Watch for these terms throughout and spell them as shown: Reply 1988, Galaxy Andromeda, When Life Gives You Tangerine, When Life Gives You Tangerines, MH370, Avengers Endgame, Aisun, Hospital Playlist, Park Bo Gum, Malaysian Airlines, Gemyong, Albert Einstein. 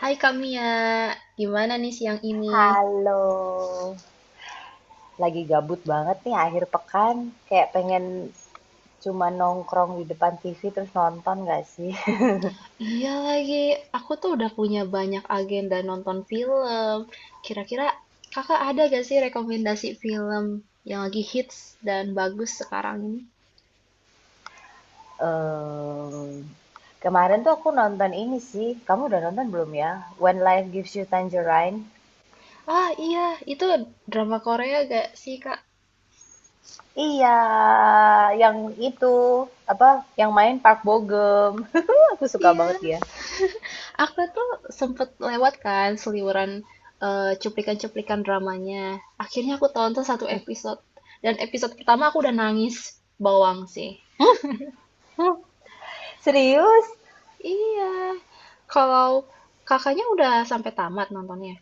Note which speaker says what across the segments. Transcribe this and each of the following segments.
Speaker 1: Hai Kamia, gimana nih siang ini?
Speaker 2: Halo, lagi gabut banget nih akhir pekan, kayak pengen cuma nongkrong di depan TV terus nonton gak sih?
Speaker 1: Iya lagi, aku tuh udah punya banyak agenda nonton film. Kira-kira kakak ada gak sih rekomendasi film yang lagi hits dan bagus sekarang ini?
Speaker 2: Em, kemarin tuh aku nonton ini sih, kamu udah nonton belum ya? When Life Gives You Tangerine.
Speaker 1: Ah iya, itu drama Korea gak sih kak?
Speaker 2: Iya, yang itu apa? Yang main Park Bo Gum. Aku suka
Speaker 1: Iya,
Speaker 2: banget dia.
Speaker 1: aku tuh sempet lewat kan seliweran cuplikan-cuplikan dramanya. Akhirnya aku tonton satu episode. Dan episode pertama aku udah nangis bawang sih.
Speaker 2: Serius?
Speaker 1: Iya. Kalau Kakaknya udah sampai tamat nontonnya?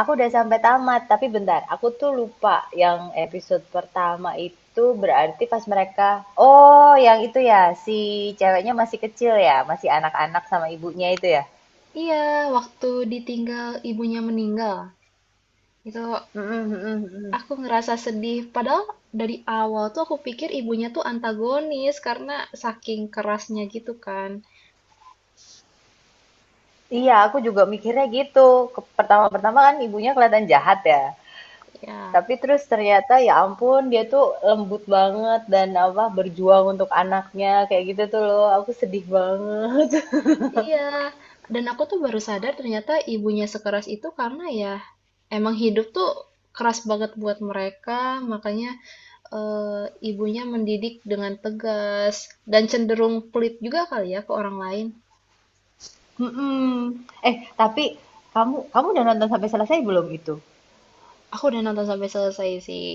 Speaker 2: Aku udah sampai tamat, tapi bentar, aku tuh lupa yang episode pertama itu berarti pas mereka, oh yang itu ya, si ceweknya masih kecil ya, masih anak-anak sama ibunya itu ya.
Speaker 1: Iya, waktu ditinggal ibunya meninggal. Itu
Speaker 2: Mm-mm, mm-mm, mm-mm.
Speaker 1: aku ngerasa sedih. Padahal dari awal tuh aku pikir ibunya tuh antagonis karena saking kerasnya gitu kan.
Speaker 2: Iya, aku juga mikirnya gitu. Pertama-pertama kan ibunya kelihatan jahat ya.
Speaker 1: Ya,
Speaker 2: Tapi terus ternyata ya ampun dia tuh lembut banget dan apa berjuang untuk anaknya kayak gitu tuh loh. Aku sedih banget.
Speaker 1: iya. Dan aku tuh baru sadar ternyata ibunya sekeras itu karena ya emang hidup tuh keras banget buat mereka. Makanya ibunya mendidik dengan tegas dan cenderung pelit juga kali ya ke orang lain.
Speaker 2: Mhm. Eh, tapi kamu kamu udah nonton sampai selesai belum itu?
Speaker 1: Aku udah nonton sampai selesai sih.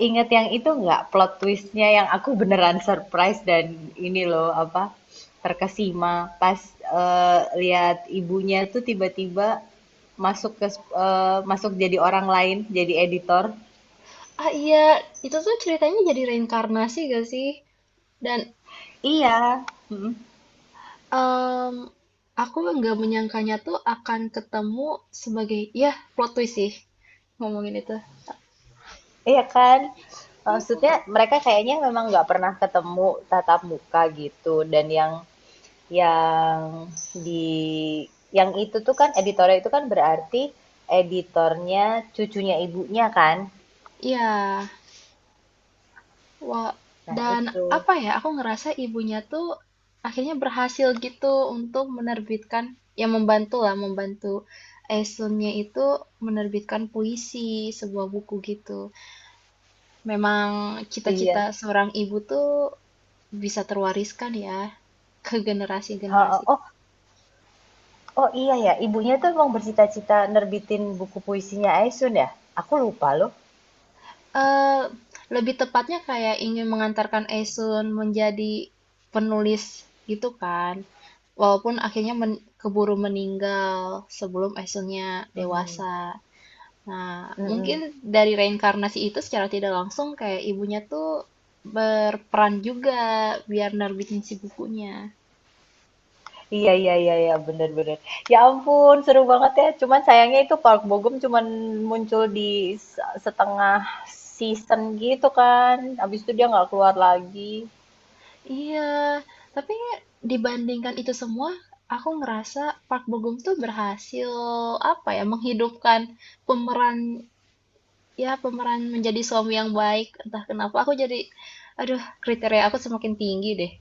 Speaker 2: Ingat yang itu nggak, plot twistnya yang aku beneran surprise dan ini loh apa, terkesima pas lihat ibunya tuh tiba-tiba masuk jadi orang lain, jadi editor.
Speaker 1: Ah iya, itu tuh ceritanya jadi reinkarnasi gak sih? Dan
Speaker 2: Iya, mm-mm.
Speaker 1: em, aku nggak menyangkanya tuh akan ketemu sebagai ya plot twist sih ngomongin itu.
Speaker 2: Iya kan? Maksudnya
Speaker 1: Mm-mm.
Speaker 2: mereka kayaknya memang nggak pernah ketemu tatap muka gitu, dan yang di yang itu tuh kan editornya, itu kan berarti editornya cucunya ibunya kan.
Speaker 1: Iya, wah,
Speaker 2: Nah,
Speaker 1: dan
Speaker 2: itu.
Speaker 1: apa ya, aku ngerasa ibunya tuh akhirnya berhasil gitu untuk menerbitkan, yang membantu lah, membantu Esunnya itu menerbitkan puisi, sebuah buku gitu. Memang cita-cita
Speaker 2: Iya.
Speaker 1: seorang ibu tuh bisa terwariskan ya ke
Speaker 2: Heeh.
Speaker 1: generasi-generasi.
Speaker 2: Oh, oh iya ya, ibunya tuh emang bercita-cita nerbitin buku puisinya Aisun ya? Aku lupa loh.
Speaker 1: Eee, Lebih tepatnya kayak ingin mengantarkan Aisun menjadi penulis gitu kan. Walaupun akhirnya keburu meninggal sebelum Aisunnya
Speaker 2: Mhm.
Speaker 1: dewasa. Nah, mungkin
Speaker 2: Mhm.
Speaker 1: dari reinkarnasi itu secara tidak langsung kayak ibunya tuh berperan juga biar nerbitin si bukunya.
Speaker 2: Iya, iya, iya, iya, bener, bener. Ya ampun, seru banget ya. Cuman sayangnya itu Park Bogum Gum cuman muncul di setengah season gitu kan. Habis itu dia nggak keluar lagi.
Speaker 1: Iya, tapi dibandingkan itu semua, aku ngerasa Park Bo Gum tuh berhasil apa ya menghidupkan pemeran, ya pemeran menjadi suami yang baik. Entah kenapa aku jadi aduh kriteria aku semakin tinggi deh.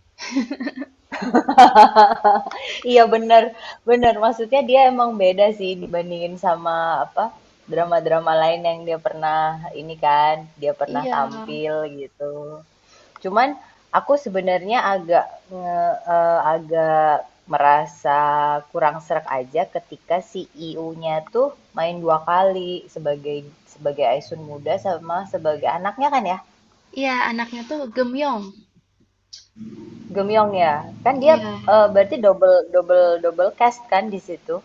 Speaker 2: Iya bener, bener. Maksudnya dia emang beda sih dibandingin sama apa drama-drama lain yang dia pernah ini kan, dia pernah
Speaker 1: Iya,
Speaker 2: tampil gitu. Cuman aku sebenarnya agak merasa kurang serak aja ketika CEO-nya tuh main dua kali sebagai sebagai Aisun muda sama sebagai anaknya kan ya,
Speaker 1: iya anaknya tuh Gemyong
Speaker 2: Gemyong ya. Kan dia
Speaker 1: iya.
Speaker 2: berarti double double double cast kan di situ.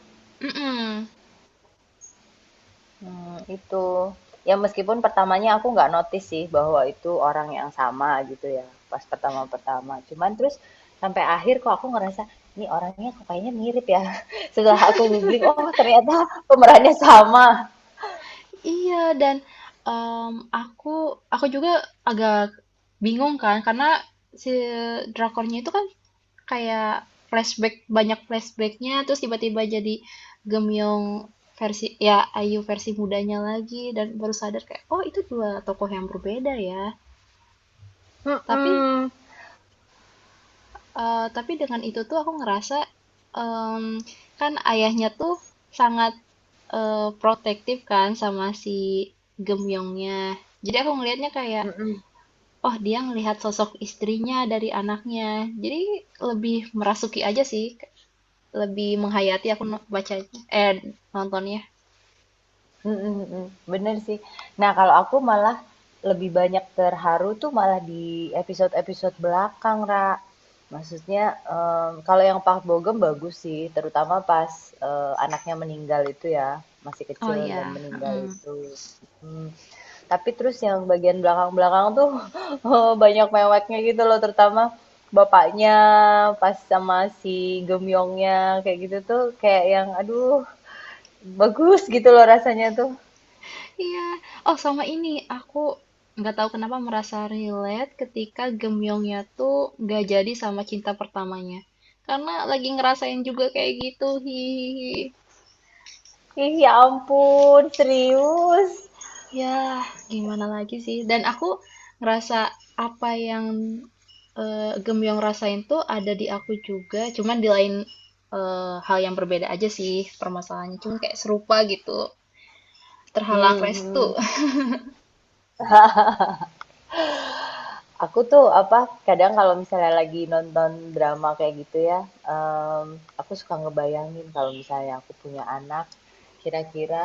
Speaker 1: Mm-mm.
Speaker 2: Itu. Ya meskipun pertamanya aku nggak notice sih bahwa itu orang yang sama gitu ya, pas pertama-pertama. Cuman terus sampai akhir kok aku ngerasa, "Ini orangnya kok kayaknya mirip ya?" Setelah aku googling, oh ternyata pemerannya sama.
Speaker 1: Iya dan em, aku aku juga agak bingung kan karena si drakornya itu kan kayak flashback, banyak flashbacknya terus tiba-tiba jadi Gemyong versi ya Ayu versi mudanya lagi dan baru sadar kayak oh itu dua tokoh yang berbeda ya tapi.
Speaker 2: Mhm,
Speaker 1: Tapi dengan itu tuh aku ngerasa, mmm, kan ayahnya tuh sangat, protektif kan sama si Gemyongnya. Jadi aku ngelihatnya kayak,
Speaker 2: mhm.
Speaker 1: oh dia ngelihat sosok istrinya dari anaknya. Jadi lebih merasuki aja sih, lebih menghayati aku no bacanya eh, nontonnya.
Speaker 2: Mhm, mhm, bener sih. Nah, kalau aku malah lebih banyak terharu tuh malah di episode-episode belakang, Ra. Maksudnya, kalau yang Park Bo Gum bagus sih, terutama pas, anaknya meninggal itu ya, masih
Speaker 1: Oh
Speaker 2: kecil dan
Speaker 1: ya,
Speaker 2: meninggal
Speaker 1: mhm.
Speaker 2: itu, mhm. Tapi terus yang bagian belakang-belakang tuh, banyak meweknya gitu loh, terutama bapaknya pas sama si Gemyongnya kayak gitu tuh kayak yang aduh, bagus gitu loh rasanya tuh.
Speaker 1: Iya. Oh, sama ini aku nggak tahu kenapa merasa relate ketika Gemyongnya tuh nggak jadi sama cinta pertamanya. Karena lagi ngerasain juga kayak gitu. Hihihi.
Speaker 2: Ih, ya ampun, serius.
Speaker 1: Ya, gimana lagi sih? Dan aku ngerasa apa yang Gemyong rasain tuh ada di aku juga, cuman di lain hal yang berbeda aja sih permasalahannya. Cuman kayak serupa gitu, terhalang
Speaker 2: Hmm, hmm.
Speaker 1: restu.
Speaker 2: Aku tuh apa, kadang kalau misalnya lagi nonton drama kayak gitu ya, em, aku suka ngebayangin kalau misalnya aku punya anak, kira-kira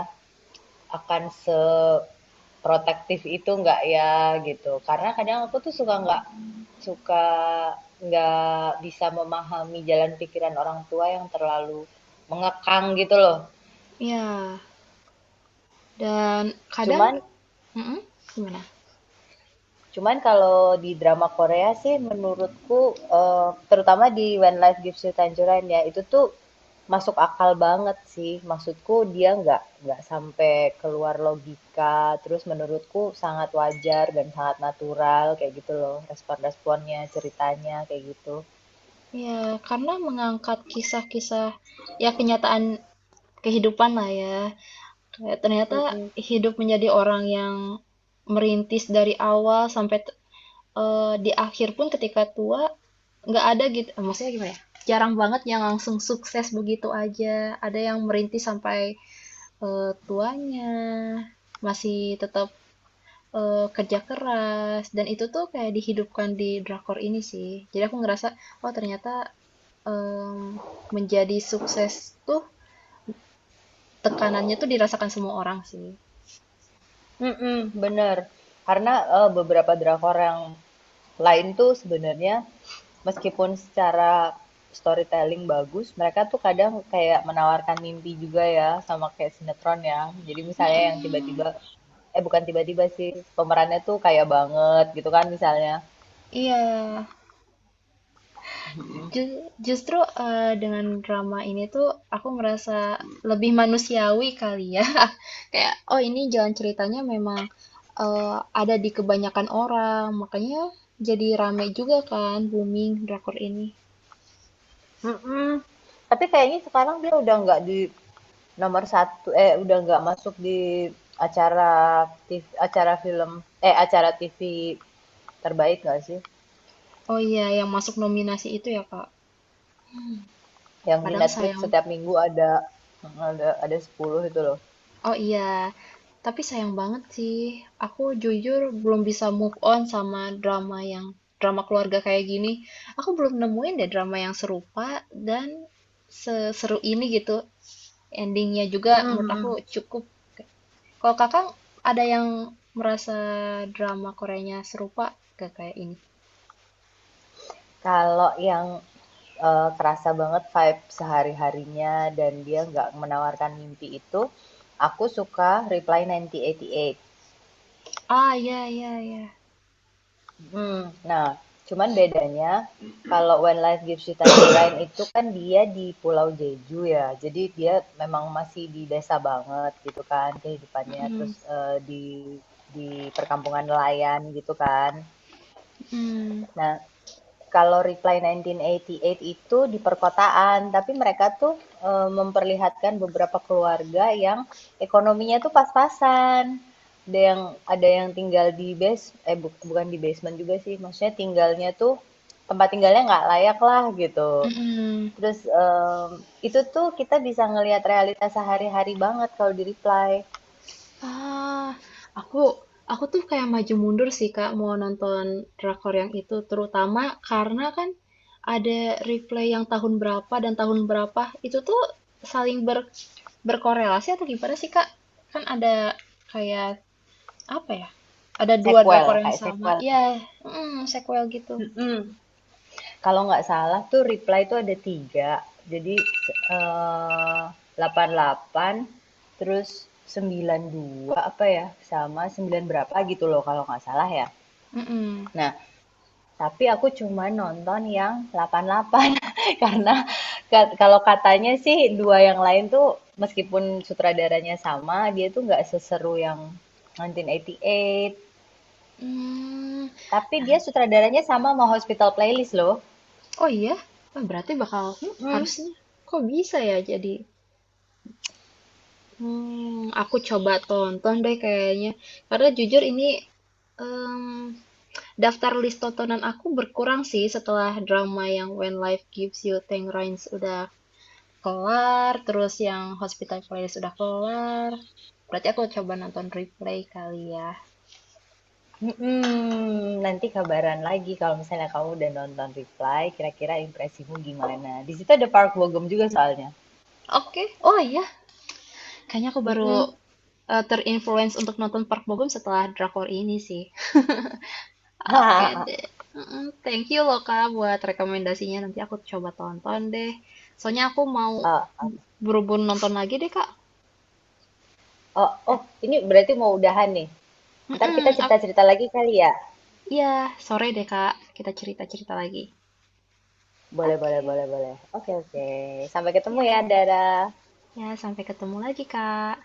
Speaker 2: akan seprotektif itu nggak ya gitu. Karena kadang aku tuh suka nggak bisa memahami jalan pikiran orang tua yang terlalu mengekang gitu loh.
Speaker 1: Ya, dan kadang,
Speaker 2: Cuman
Speaker 1: mm-mm, gimana?
Speaker 2: Cuman kalau di drama Korea sih menurutku, terutama di When Life Gives You Tangerine ya, itu tuh masuk akal banget sih. Maksudku dia nggak sampai keluar logika, terus menurutku sangat wajar dan sangat natural kayak gitu loh, respon-responnya, ceritanya, kayak gitu.
Speaker 1: Ya karena mengangkat kisah-kisah ya kenyataan kehidupan lah ya. Kayak ternyata
Speaker 2: Mhm.
Speaker 1: hidup menjadi orang yang merintis dari awal sampai di akhir pun ketika tua nggak ada gitu. Maksudnya gimana ya? Jarang banget yang langsung sukses begitu aja. Ada yang merintis sampai tuanya masih tetap kerja keras dan itu tuh kayak dihidupkan di drakor ini sih. Jadi aku ngerasa oh ternyata, mmm, menjadi sukses tuh tekanannya tuh dirasakan semua orang sih.
Speaker 2: Mhm, bener. Karena, beberapa drakor yang lain tuh sebenarnya meskipun secara storytelling bagus, mereka tuh kadang kayak menawarkan mimpi juga ya, sama kayak sinetron ya. Jadi misalnya yang
Speaker 1: Mhm,
Speaker 2: tiba-tiba, eh, bukan tiba-tiba sih, pemerannya tuh kaya banget gitu kan misalnya.
Speaker 1: iya. Ju Justru, dengan drama ini tuh aku merasa lebih manusiawi kali ya. Kayak, oh ini jalan ceritanya memang, eee, ada di kebanyakan orang, makanya jadi rame juga kan booming drakor ini.
Speaker 2: Mhm, tapi kayaknya sekarang dia udah nggak di nomor satu, eh, udah nggak masuk di acara tiv acara film eh, acara TV terbaik nggak sih?
Speaker 1: Oh iya, yang masuk nominasi itu ya, Kak.
Speaker 2: Yang di
Speaker 1: Kadang
Speaker 2: Netflix
Speaker 1: sayang.
Speaker 2: setiap minggu ada 10 itu loh.
Speaker 1: Oh iya, tapi sayang banget sih. Aku jujur belum bisa move on sama drama yang drama keluarga kayak gini. Aku belum nemuin deh drama yang serupa dan seseru ini gitu. Endingnya juga menurut aku
Speaker 2: Mm-hmm.
Speaker 1: cukup. Kalau kakak ada yang merasa drama Koreanya serupa gak kayak ini?
Speaker 2: Kalau kerasa banget vibe sehari-harinya dan dia nggak menawarkan mimpi itu, aku suka Reply 1988.
Speaker 1: Ah, iya, iya, iya.
Speaker 2: Nah, cuman bedanya kalau When Life Gives You Tangerine itu kan dia di Pulau Jeju ya. Jadi dia memang masih di desa banget gitu kan kehidupannya, terus
Speaker 1: Mm-mm.
Speaker 2: di perkampungan nelayan gitu kan.
Speaker 1: Mm-mm.
Speaker 2: Nah, kalau Reply 1988 itu di perkotaan, tapi mereka tuh memperlihatkan beberapa keluarga yang ekonominya tuh pas-pasan. Ada yang ada yang tinggal di base eh buk bukan di basement juga sih, maksudnya tinggalnya tuh tempat tinggalnya nggak layak lah gitu.
Speaker 1: Mm-mm.
Speaker 2: Terus, itu tuh kita bisa ngelihat realitas sehari-hari banget kalau di Reply.
Speaker 1: Ah, aku aku tuh kayak maju mundur sih Kak mau nonton drakor yang itu terutama karena kan ada replay yang tahun berapa dan tahun berapa itu tuh saling ber, berkorelasi atau gimana sih Kak? Kan ada kayak apa ya? Ada dua drakor
Speaker 2: Sequel,
Speaker 1: yang
Speaker 2: kayak
Speaker 1: sama.
Speaker 2: sequel.
Speaker 1: Ya, mm, sequel gitu.
Speaker 2: Mhm. Kalau nggak salah tuh reply tuh ada tiga. Jadi eh, 88, terus 92 apa ya, sama 9 berapa gitu loh kalau nggak salah ya.
Speaker 1: Mm-mm.
Speaker 2: Nah, tapi aku cuma nonton yang 88 karena kalau katanya sih dua yang lain tuh meskipun sutradaranya sama, dia tuh nggak seseru yang 1988,
Speaker 1: Hmm,
Speaker 2: tapi dia sutradaranya sama sama Hospital Playlist loh.
Speaker 1: oh iya, wah, berarti bakal
Speaker 2: Mm-mm.
Speaker 1: harusnya kok bisa ya jadi. Hmm, aku coba tonton deh kayaknya. Karena jujur ini em, daftar list tontonan aku berkurang sih setelah drama yang When Life Gives You Tangerines udah kelar, terus yang Hospital Playlist udah kelar. Berarti aku coba nonton replay kali ya.
Speaker 2: Mhm, nanti kabaran lagi kalau misalnya kamu udah nonton Reply, kira-kira impresimu gimana? Di situ ada Park Bo Gum juga soalnya.
Speaker 1: Oke, oh iya, kayaknya aku baru
Speaker 2: Mhm.
Speaker 1: terinfluence untuk nonton Park Bo Gum setelah drakor ini sih. Oke
Speaker 2: Oh,
Speaker 1: deh. Mm-mm, thank you loh Kak buat rekomendasinya. Nanti aku coba tonton deh. Soalnya aku mau berhubung nonton lagi deh Kak.
Speaker 2: oh, ini berarti mau udahan nih. Ntar kita
Speaker 1: Mm-mm, ap-
Speaker 2: cerita-cerita lagi kali ya?
Speaker 1: ya, sore deh Kak. Kita cerita-cerita lagi.
Speaker 2: Boleh, boleh, boleh,
Speaker 1: Oke.
Speaker 2: boleh. Oke, oke. Sampai ketemu
Speaker 1: Ya,
Speaker 2: ya, Dara.
Speaker 1: ya sampai ketemu lagi Kak.